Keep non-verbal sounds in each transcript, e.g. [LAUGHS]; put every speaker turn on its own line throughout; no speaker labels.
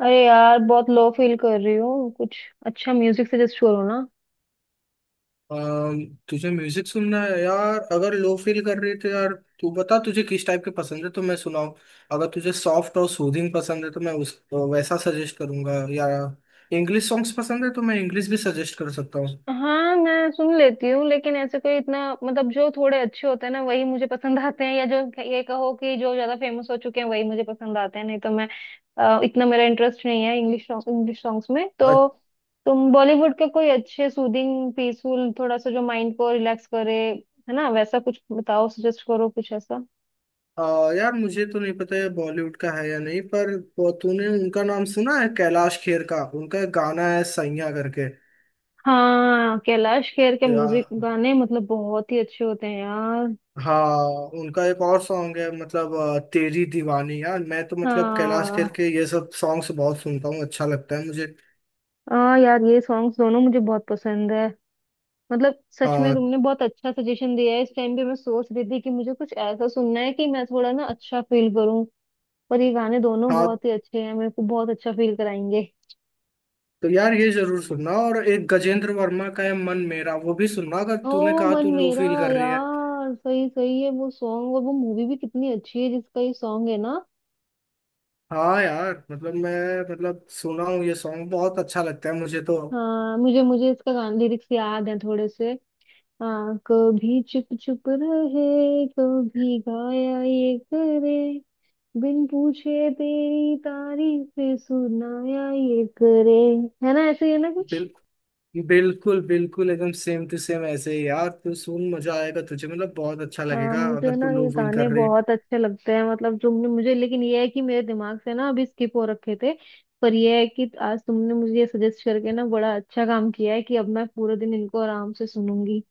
अरे यार, बहुत लो फील कर रही हूँ। कुछ अच्छा म्यूजिक सजेस्ट करो ना।
अम, तुझे म्यूजिक सुनना है यार, अगर लो फील कर रही है तो। यार तू बता तुझे किस टाइप के पसंद है तो मैं सुनाऊं। अगर तुझे सॉफ्ट और सूदिंग पसंद है तो मैं उस वैसा सजेस्ट करूंगा, या इंग्लिश सॉन्ग्स पसंद है तो मैं इंग्लिश भी सजेस्ट कर सकता हूँ।
हाँ, मैं सुन लेती हूँ, लेकिन ऐसे कोई इतना मतलब जो थोड़े अच्छे होते हैं ना, वही मुझे पसंद आते हैं, या जो ये कहो कि जो ज्यादा फेमस हो चुके हैं वही मुझे पसंद आते हैं। नहीं तो मैं इतना मेरा इंटरेस्ट नहीं है इंग्लिश इंग्लिश सॉन्ग्स में।
अ-
तो तुम बॉलीवुड के कोई अच्छे सूदिंग पीसफुल थोड़ा सा जो माइंड को रिलैक्स करे, है ना, वैसा कुछ बताओ, सजेस्ट करो कुछ ऐसा।
यार मुझे तो नहीं पता है बॉलीवुड का है या नहीं, पर तूने उनका नाम सुना है कैलाश खेर का? उनका एक गाना है सैया करके।
हाँ, कैलाश खेर के
या
म्यूजिक गाने मतलब बहुत ही अच्छे होते हैं यार।
हाँ, उनका एक और सॉन्ग है, मतलब तेरी दीवानी। यार मैं तो मतलब कैलाश
हाँ।
खेर के ये सब सॉन्ग्स बहुत सुनता हूँ, अच्छा लगता है मुझे।
हाँ यार, ये सॉन्ग्स दोनों मुझे बहुत पसंद है। मतलब सच में
हाँ,
तुमने बहुत अच्छा सजेशन दिया है। इस टाइम पे मैं सोच रही थी कि मुझे कुछ ऐसा सुनना है कि मैं थोड़ा ना अच्छा फील करूं। पर ये गाने दोनों
हाँ।
बहुत ही अच्छे हैं, मेरे को बहुत अच्छा फील कराएंगे।
तो यार ये जरूर सुनना, और एक गजेंद्र वर्मा का है मन मेरा, वो भी सुनना, अगर
ओ,
तूने कहा
मन
तू लो
मेरा।
फील कर रही है।
यार, सही सही है वो सॉन्ग, और वो मूवी भी कितनी अच्छी है जिसका ये सॉन्ग है ना।
हाँ यार, मतलब मैं मतलब सुना हूँ, ये सॉन्ग बहुत अच्छा लगता है मुझे तो।
हाँ, मुझे मुझे इसका गान लिरिक्स याद है थोड़े से। हाँ, कभी चुप चुप रहे कभी गाया ये करे, बिन पूछे तेरी तारीफें सुनाया ये करे। है ना, ऐसे ही है ना कुछ।
बिल, बिल्कुल बिल्कुल, एकदम सेम टू सेम, ऐसे ही। यार तू सुन, मजा आएगा तुझे, मतलब बहुत अच्छा
हाँ,
लगेगा
मुझे
अगर तू
ना ये
लो फील
गाने
कर रही है।
बहुत अच्छे लगते हैं, मतलब तुमने मुझे, लेकिन ये है कि मेरे दिमाग से ना अभी स्किप हो रखे थे। पर ये है कि आज तुमने मुझे ये सजेस्ट करके ना बड़ा अच्छा काम किया है कि अब मैं पूरे दिन इनको आराम से सुनूंगी।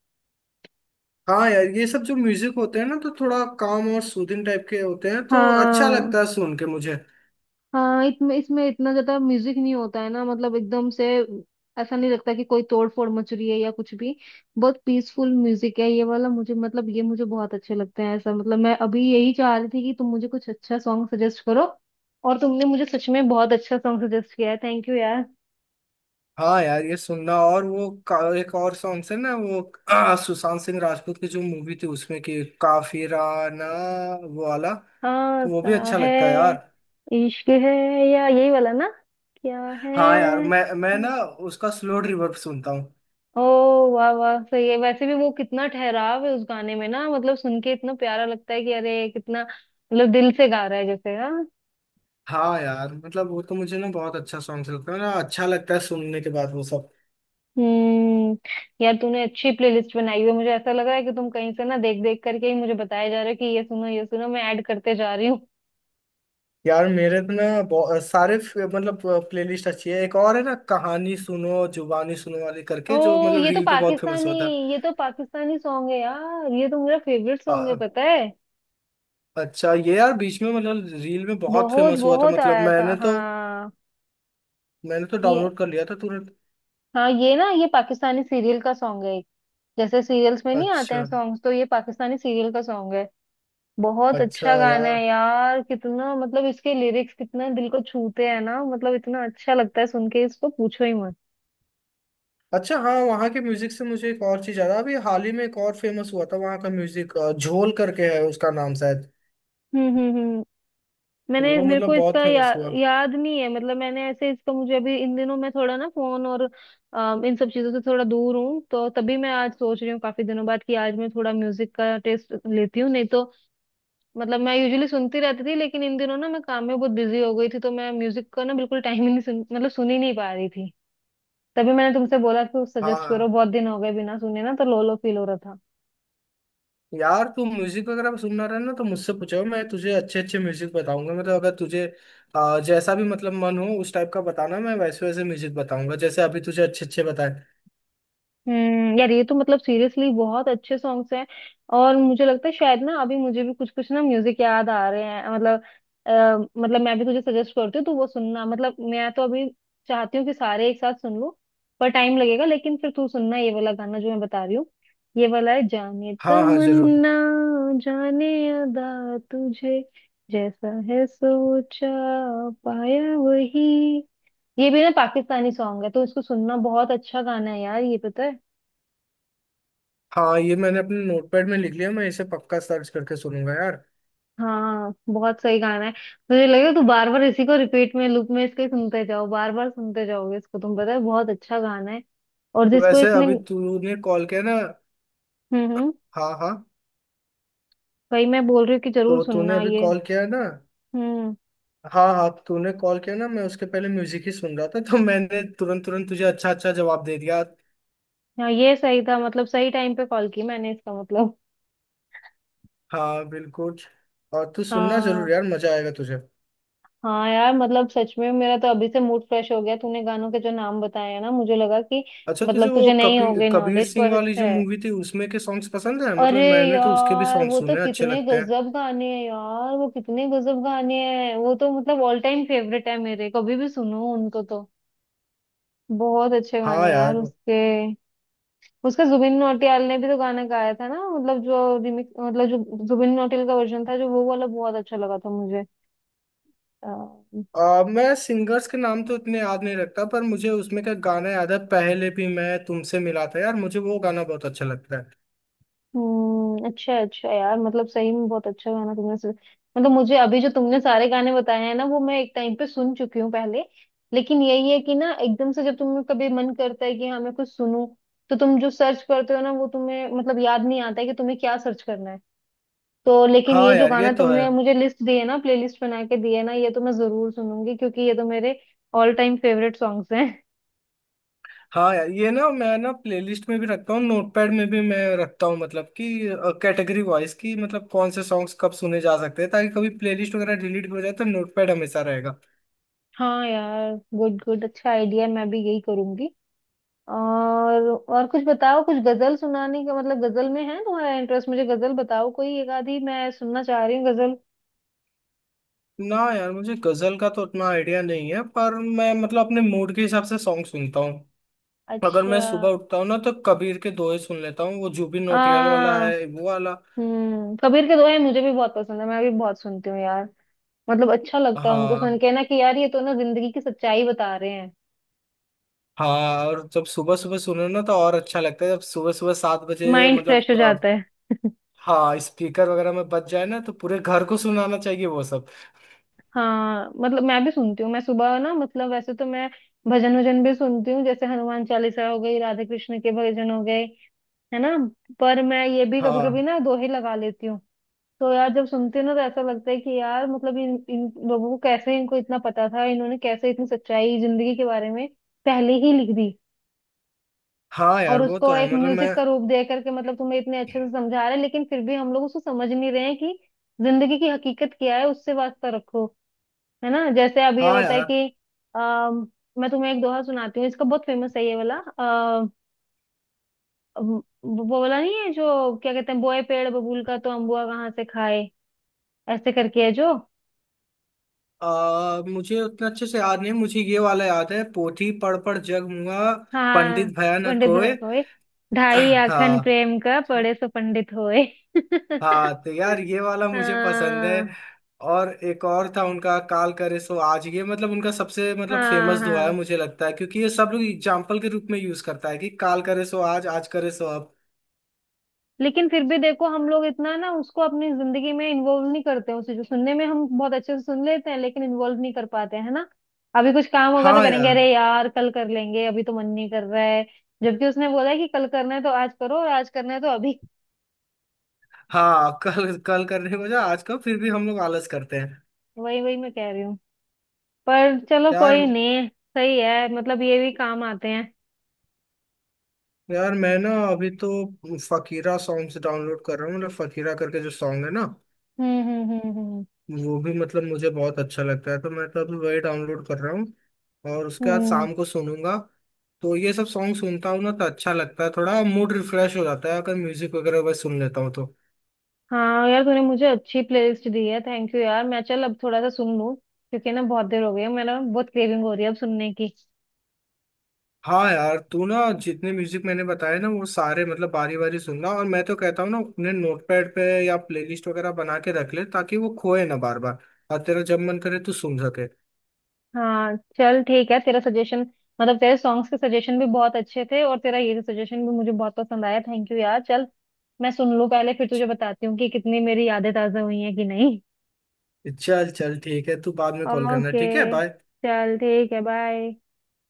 हाँ यार, ये सब जो म्यूजिक होते हैं ना, तो थोड़ा काम और सूदिंग टाइप के होते हैं, तो अच्छा
हाँ।
लगता है सुन के मुझे।
हाँ, इसमें इसमें इतना ज्यादा म्यूजिक नहीं होता है ना, मतलब एकदम से ऐसा नहीं लगता कि कोई तोड़ फोड़ मच रही है या कुछ भी। बहुत पीसफुल म्यूजिक है ये वाला मुझे, मतलब ये मुझे बहुत अच्छे लगते हैं ऐसा। मतलब मैं अभी यही चाह रही थी कि तुम मुझे कुछ अच्छा सॉन्ग सजेस्ट करो, और तुमने मुझे सच में बहुत अच्छा सॉन्ग सजेस्ट किया है। थैंक यू यार।
हाँ यार, ये सुनना, और वो एक और सॉन्ग है ना वो [CLEARS THROAT] सुशांत सिंह राजपूत की जो मूवी थी उसमें कि काफिराना, वो वाला
हाँ
तो, वो
सा
भी अच्छा
है।
लगता है यार।
इश्क है। या यही वाला ना। क्या
हाँ यार,
है।
मैं ना उसका स्लो रिवर्ब सुनता हूँ।
ओ, वाह वाह, सही है। वैसे भी वो कितना ठहराव है उस गाने में ना, मतलब सुन के इतना प्यारा लगता है कि अरे कितना मतलब दिल से गा रहा है जैसे। हाँ।
हाँ यार मतलब वो तो मुझे ना बहुत अच्छा सॉन्ग लगता है ना, अच्छा लगता है सुनने के बाद वो सब।
हम्म, यार तूने अच्छी प्लेलिस्ट बनाई हुई है। मुझे ऐसा लग रहा है कि तुम कहीं से ना देख देख करके ही मुझे बताया जा रहा है कि ये सुनो ये सुनो, मैं ऐड करते जा रही हूँ।
यार मेरे तो ना सारे मतलब प्लेलिस्ट अच्छी है, एक और है ना कहानी सुनो जुबानी सुनो वाली करके, जो
ओ,
मतलब
ये तो
रील पे बहुत फेमस
पाकिस्तानी,
हुआ था।
ये तो पाकिस्तानी सॉन्ग है यार, ये तो मेरा फेवरेट सॉन्ग है
अ-
पता है।
अच्छा, ये यार बीच में, मतलब रील में बहुत
बहुत
फेमस हुआ था,
बहुत
मतलब
आया था,
मैंने तो
हाँ,
मैंने तो
ये।
डाउनलोड कर लिया था तुरंत।
हाँ, ये ना, ये पाकिस्तानी सीरियल का सॉन्ग है। जैसे सीरियल्स में नहीं आते हैं
अच्छा,
सॉन्ग्स, तो ये पाकिस्तानी सीरियल का सॉन्ग है। बहुत
अच्छा
अच्छा गाना
यार।
है यार, कितना मतलब इसके लिरिक्स कितना दिल को छूते हैं ना, मतलब इतना अच्छा लगता है सुन के इसको, पूछो ही मत।
अच्छा, हाँ, वहाँ के म्यूजिक से मुझे एक और चीज याद आ, अभी हाल ही में एक और फेमस हुआ था वहाँ का, म्यूजिक झोल करके है उसका नाम शायद,
हम्म, मैंने
वो
मेरे को
मतलब बहुत
इसका
फेमस हुआ।
याद नहीं है। मतलब मैंने ऐसे इसका, मुझे अभी इन दिनों मैं थोड़ा ना फोन और इन सब चीजों से थोड़ा दूर हूँ, तो तभी मैं आज सोच रही हूँ काफी दिनों बाद कि आज मैं थोड़ा म्यूजिक का टेस्ट लेती हूँ। नहीं तो मतलब मैं यूजुअली सुनती रहती थी, लेकिन इन दिनों ना मैं काम में बहुत बिजी हो गई थी, तो मैं म्यूजिक का ना बिल्कुल टाइम ही नहीं, सुन मतलब सुन ही नहीं पा रही थी। तभी मैंने तुमसे बोला कि सजेस्ट करो,
हाँ
बहुत दिन हो गए बिना सुने ना, तो लो लो फील हो रहा था।
यार, तू म्यूजिक वगैरह सुनना रहे ना तो मुझसे पूछो, मैं तुझे अच्छे अच्छे म्यूजिक बताऊंगा, मतलब अगर तुझे जैसा भी, मतलब मन हो उस टाइप का बताना, मैं वैसे वैसे म्यूजिक बताऊंगा जैसे अभी तुझे अच्छे अच्छे बताए।
हम्म, यार ये तो मतलब सीरियसली बहुत अच्छे सॉन्ग्स हैं, और मुझे लगता है शायद ना अभी मुझे भी कुछ कुछ ना म्यूजिक याद आ रहे हैं। अ, मतलब मैं भी तुझे सजेस्ट करती हूँ, तो वो सुनना। मतलब मैं तो अभी चाहती हूँ कि सारे एक साथ सुन लूँ, पर टाइम लगेगा। लेकिन फिर तू सुनना ये वाला गाना जो मैं बता रही हूँ। ये वाला है, जाने
हाँ हाँ जरूर।
तमन्ना जाने अदा, तुझे जैसा है सोचा पाया वही। ये भी ना पाकिस्तानी सॉन्ग है, तो इसको सुनना, बहुत अच्छा गाना है यार ये, पता है।
हाँ ये मैंने अपने नोटपैड में लिख लिया, मैं इसे पक्का सर्च करके सुनूंगा यार।
हाँ, बहुत सही गाना है। मुझे लगे तू बार बार इसी को रिपीट में, लूप में इसके सुनते जाओ, बार बार सुनते जाओगे इसको तुम, पता है, बहुत अच्छा गाना है। और
तो
जिसको
वैसे
इसने,
अभी तूने कॉल किया ना?
हम्म,
हाँ हाँ।
वही मैं बोल रही हूँ कि जरूर
तो तूने
सुनना
अभी
ये।
कॉल किया है ना?
हम्म।
हाँ हाँ, तूने कॉल किया ना, मैं उसके पहले म्यूजिक ही सुन रहा था, तो मैंने तुरंत तुरंत तुझे अच्छा अच्छा जवाब दे दिया।
हाँ, ये सही था, मतलब सही टाइम पे कॉल की मैंने इसका मतलब।
हाँ बिल्कुल। और तू सुनना
हाँ,
जरूर यार, मजा आएगा तुझे।
हाँ यार, मतलब सच में मेरा तो अभी से मूड फ्रेश हो गया तूने गानों के जो नाम बताए हैं ना, मुझे लगा कि
अच्छा, तुझे
मतलब
वो
तुझे नहीं हो
कबीर
गई
कबीर
नॉलेज,
सिंह
पर
वाली
अच्छा
जो
है।
मूवी थी उसमें के सॉन्ग्स पसंद है?
अरे
मतलब मैंने तो उसके भी
यार,
सॉन्ग
वो तो
सुने हैं, अच्छे
कितने
लगते हैं।
गजब गाने हैं यार, वो कितने गजब गाने हैं। वो तो मतलब ऑल टाइम फेवरेट है मेरे, कभी भी सुनो उनको तो। बहुत अच्छे गाने
हाँ
हैं यार
यार।
उसके। उसका जुबिन नौटियाल ने भी तो गाना गाया था ना, मतलब जो रिमिक, मतलब जो जुबिन नौटियाल का वर्जन था जो, वो वाला बहुत अच्छा लगा था मुझे।
मैं सिंगर्स के नाम तो इतने याद नहीं रखता, पर मुझे उसमें का गाना याद है, पहले भी मैं तुमसे मिला था यार, मुझे वो गाना बहुत अच्छा लगता है।
हम्म, अच्छा अच्छा यार, मतलब सही में बहुत अच्छा गाना तुमने सुन, मतलब मुझे अभी जो तुमने सारे गाने बताए हैं ना, वो मैं एक टाइम पे सुन चुकी हूँ पहले। लेकिन यही है कि ना एकदम से जब तुम्हें कभी मन करता है कि हाँ मैं कुछ सुनूं, तो तुम जो सर्च करते हो ना, वो तुम्हें मतलब याद नहीं आता है कि तुम्हें क्या सर्च करना है। तो लेकिन
हाँ
ये जो
यार ये
गाना
तो है।
तुमने मुझे लिस्ट दी है ना, प्लेलिस्ट बना के दी है ना, ये तो मैं जरूर सुनूंगी, क्योंकि ये तो मेरे ऑल टाइम फेवरेट सॉन्ग्स हैं। [LAUGHS]
हाँ यार, ये ना मैं ना प्लेलिस्ट में भी रखता हूँ, नोटपैड में भी मैं रखता हूँ, मतलब कि कैटेगरी वाइज की, मतलब कौन से सॉन्ग्स कब सुने जा सकते हैं, ताकि कभी प्लेलिस्ट वगैरह डिलीट हो जाए तो नोटपैड हमेशा रहेगा।
हाँ यार, गुड गुड, अच्छा आइडिया, मैं भी यही करूंगी। और कुछ बताओ, कुछ गजल सुनाने का, मतलब गजल में है तुम्हारा इंटरेस्ट, मुझे गजल बताओ कोई एक आधी, मैं सुनना चाह रही हूँ गजल।
ना यार, मुझे गजल का तो उतना आइडिया नहीं है, पर मैं मतलब अपने मूड के हिसाब से सॉन्ग सुनता हूँ। अगर
अच्छा।
मैं सुबह उठता हूँ ना, तो कबीर के दोहे सुन लेता हूँ, वो जुबिन नौटियाल वाला
हाँ।
है वो वाला।
हम्म, कबीर के दोहे मुझे भी बहुत पसंद है, मैं भी बहुत सुनती हूँ यार। मतलब अच्छा लगता है उनको सुन
हाँ
के ना कि यार ये तो ना जिंदगी की सच्चाई बता रहे हैं।
हाँ, और जब सुबह सुबह सुनो ना तो और अच्छा लगता है, जब सुबह सुबह 7 बजे
माइंड फ्रेश
मतलब।
हो जाता है। [LAUGHS]
हाँ, स्पीकर वगैरह में बच जाए ना तो पूरे घर को सुनाना चाहिए वो सब।
हाँ, मतलब मैं भी सुनती हूँ, मैं सुबह ना मतलब वैसे तो मैं भजन वजन भी सुनती हूँ। जैसे हनुमान चालीसा हो गई, राधे कृष्ण के भजन हो गए, है ना। पर मैं ये भी कभी कभी
हाँ
ना दोहे लगा लेती हूँ। तो यार जब सुनती हूँ ना, तो ऐसा लगता है कि यार मतलब इन इन लोगों को कैसे इनको इतना पता था, इन्होंने कैसे इतनी सच्चाई जिंदगी के बारे में पहले ही लिख दी।
हाँ यार,
और
वो
उसको
तो है,
एक
मतलब मैं।
म्यूजिक का रूप दे करके मतलब तुम्हें इतने अच्छे से समझा रहे हैं, लेकिन फिर भी हम लोग उसको समझ नहीं रहे हैं कि जिंदगी की हकीकत क्या है, उससे वास्ता रखो। है ना, जैसे अब ये
हाँ
होता है
यार,
कि अम, मैं तुम्हें एक दोहा सुनाती हूँ, इसका बहुत फेमस है ये वाला। वो वो बोला नहीं है जो क्या कहते हैं, बोए पेड़ बबूल का तो अम्बुआ कहाँ से खाए। ऐसे करके है जो।
मुझे उतना अच्छे से याद नहीं, मुझे ये वाला याद है— पोथी पढ़ पढ़ जग मुआ,
हाँ,
पंडित भया न
पंडित
कोय।
बनाए होए,
[CLEARS THROAT]
ढाई आखन
हाँ
प्रेम का पढ़े सो पंडित होए। [LAUGHS]
हाँ, तो यार ये वाला मुझे पसंद है।
हाँ
और एक और था उनका— काल करे सो आज, ये मतलब उनका सबसे मतलब
हाँ
फेमस दुआ है
हाँ,
मुझे लगता है, क्योंकि ये सब लोग एग्जाम्पल के रूप में यूज करता है कि काल करे सो आज, आज करे सो अब।
लेकिन फिर भी देखो हम लोग इतना ना उसको अपनी जिंदगी में इन्वॉल्व नहीं करते हैं उसे। जो सुनने में हम बहुत अच्छे से सुन लेते हैं, लेकिन इन्वॉल्व नहीं कर पाते हैं, है ना। अभी कुछ काम होगा तो
हाँ
करेंगे,
यार।
अरे यार कल कर लेंगे, अभी तो मन नहीं कर रहा है। जबकि उसने बोला है कि कल करना है तो आज करो, और आज करना है तो अभी।
हाँ, कल कल करने को जा आजकल फिर भी हम लोग आलस करते हैं।
वही वही मैं कह रही हूँ। पर चलो,
यार।
कोई नहीं। सही है, मतलब ये भी काम आते हैं।
यार मैं ना अभी तो फकीरा सॉन्ग्स डाउनलोड कर रहा हूँ, मतलब फकीरा करके जो सॉन्ग है ना
हम्म हम्म हम्म हम्म
वो भी मतलब मुझे बहुत अच्छा लगता है, तो मैं तो अभी वही डाउनलोड कर रहा हूँ और उसके बाद
हम्म।
शाम को सुनूंगा। तो ये सब सॉन्ग सुनता हूँ ना तो अच्छा लगता है, थोड़ा मूड रिफ्रेश हो जाता है अगर म्यूजिक वगैरह बस सुन लेता हूँ तो।
हाँ यार, तूने मुझे अच्छी प्लेलिस्ट दी है, थैंक यू यार। मैं चल अब थोड़ा सा सुन लूँ, क्योंकि ना बहुत देर हो गई है, मेरा बहुत क्रेविंग हो रही है अब सुनने की।
हाँ यार तू ना, जितने म्यूजिक मैंने बताए ना वो सारे मतलब बारी बारी सुनना, और मैं तो कहता हूँ ना अपने नोटपैड पे या प्लेलिस्ट वगैरह बना के रख ले, ताकि वो खोए ना बार बार। और तेरा जब मन करे तू सुन सके।
हाँ चल, ठीक है, तेरा सजेशन मतलब तेरे सॉन्ग्स के सजेशन भी बहुत अच्छे थे, और तेरा ये सजेशन भी मुझे बहुत पसंद आया। थैंक यू यार। चल मैं सुन लूँ पहले, फिर तुझे बताती हूँ कि कितनी मेरी यादें ताज़ा हुई हैं कि नहीं।
चल चल ठीक है, तू बाद में कॉल करना,
ओके,
ठीक है बाय।
चल ठीक है, बाय।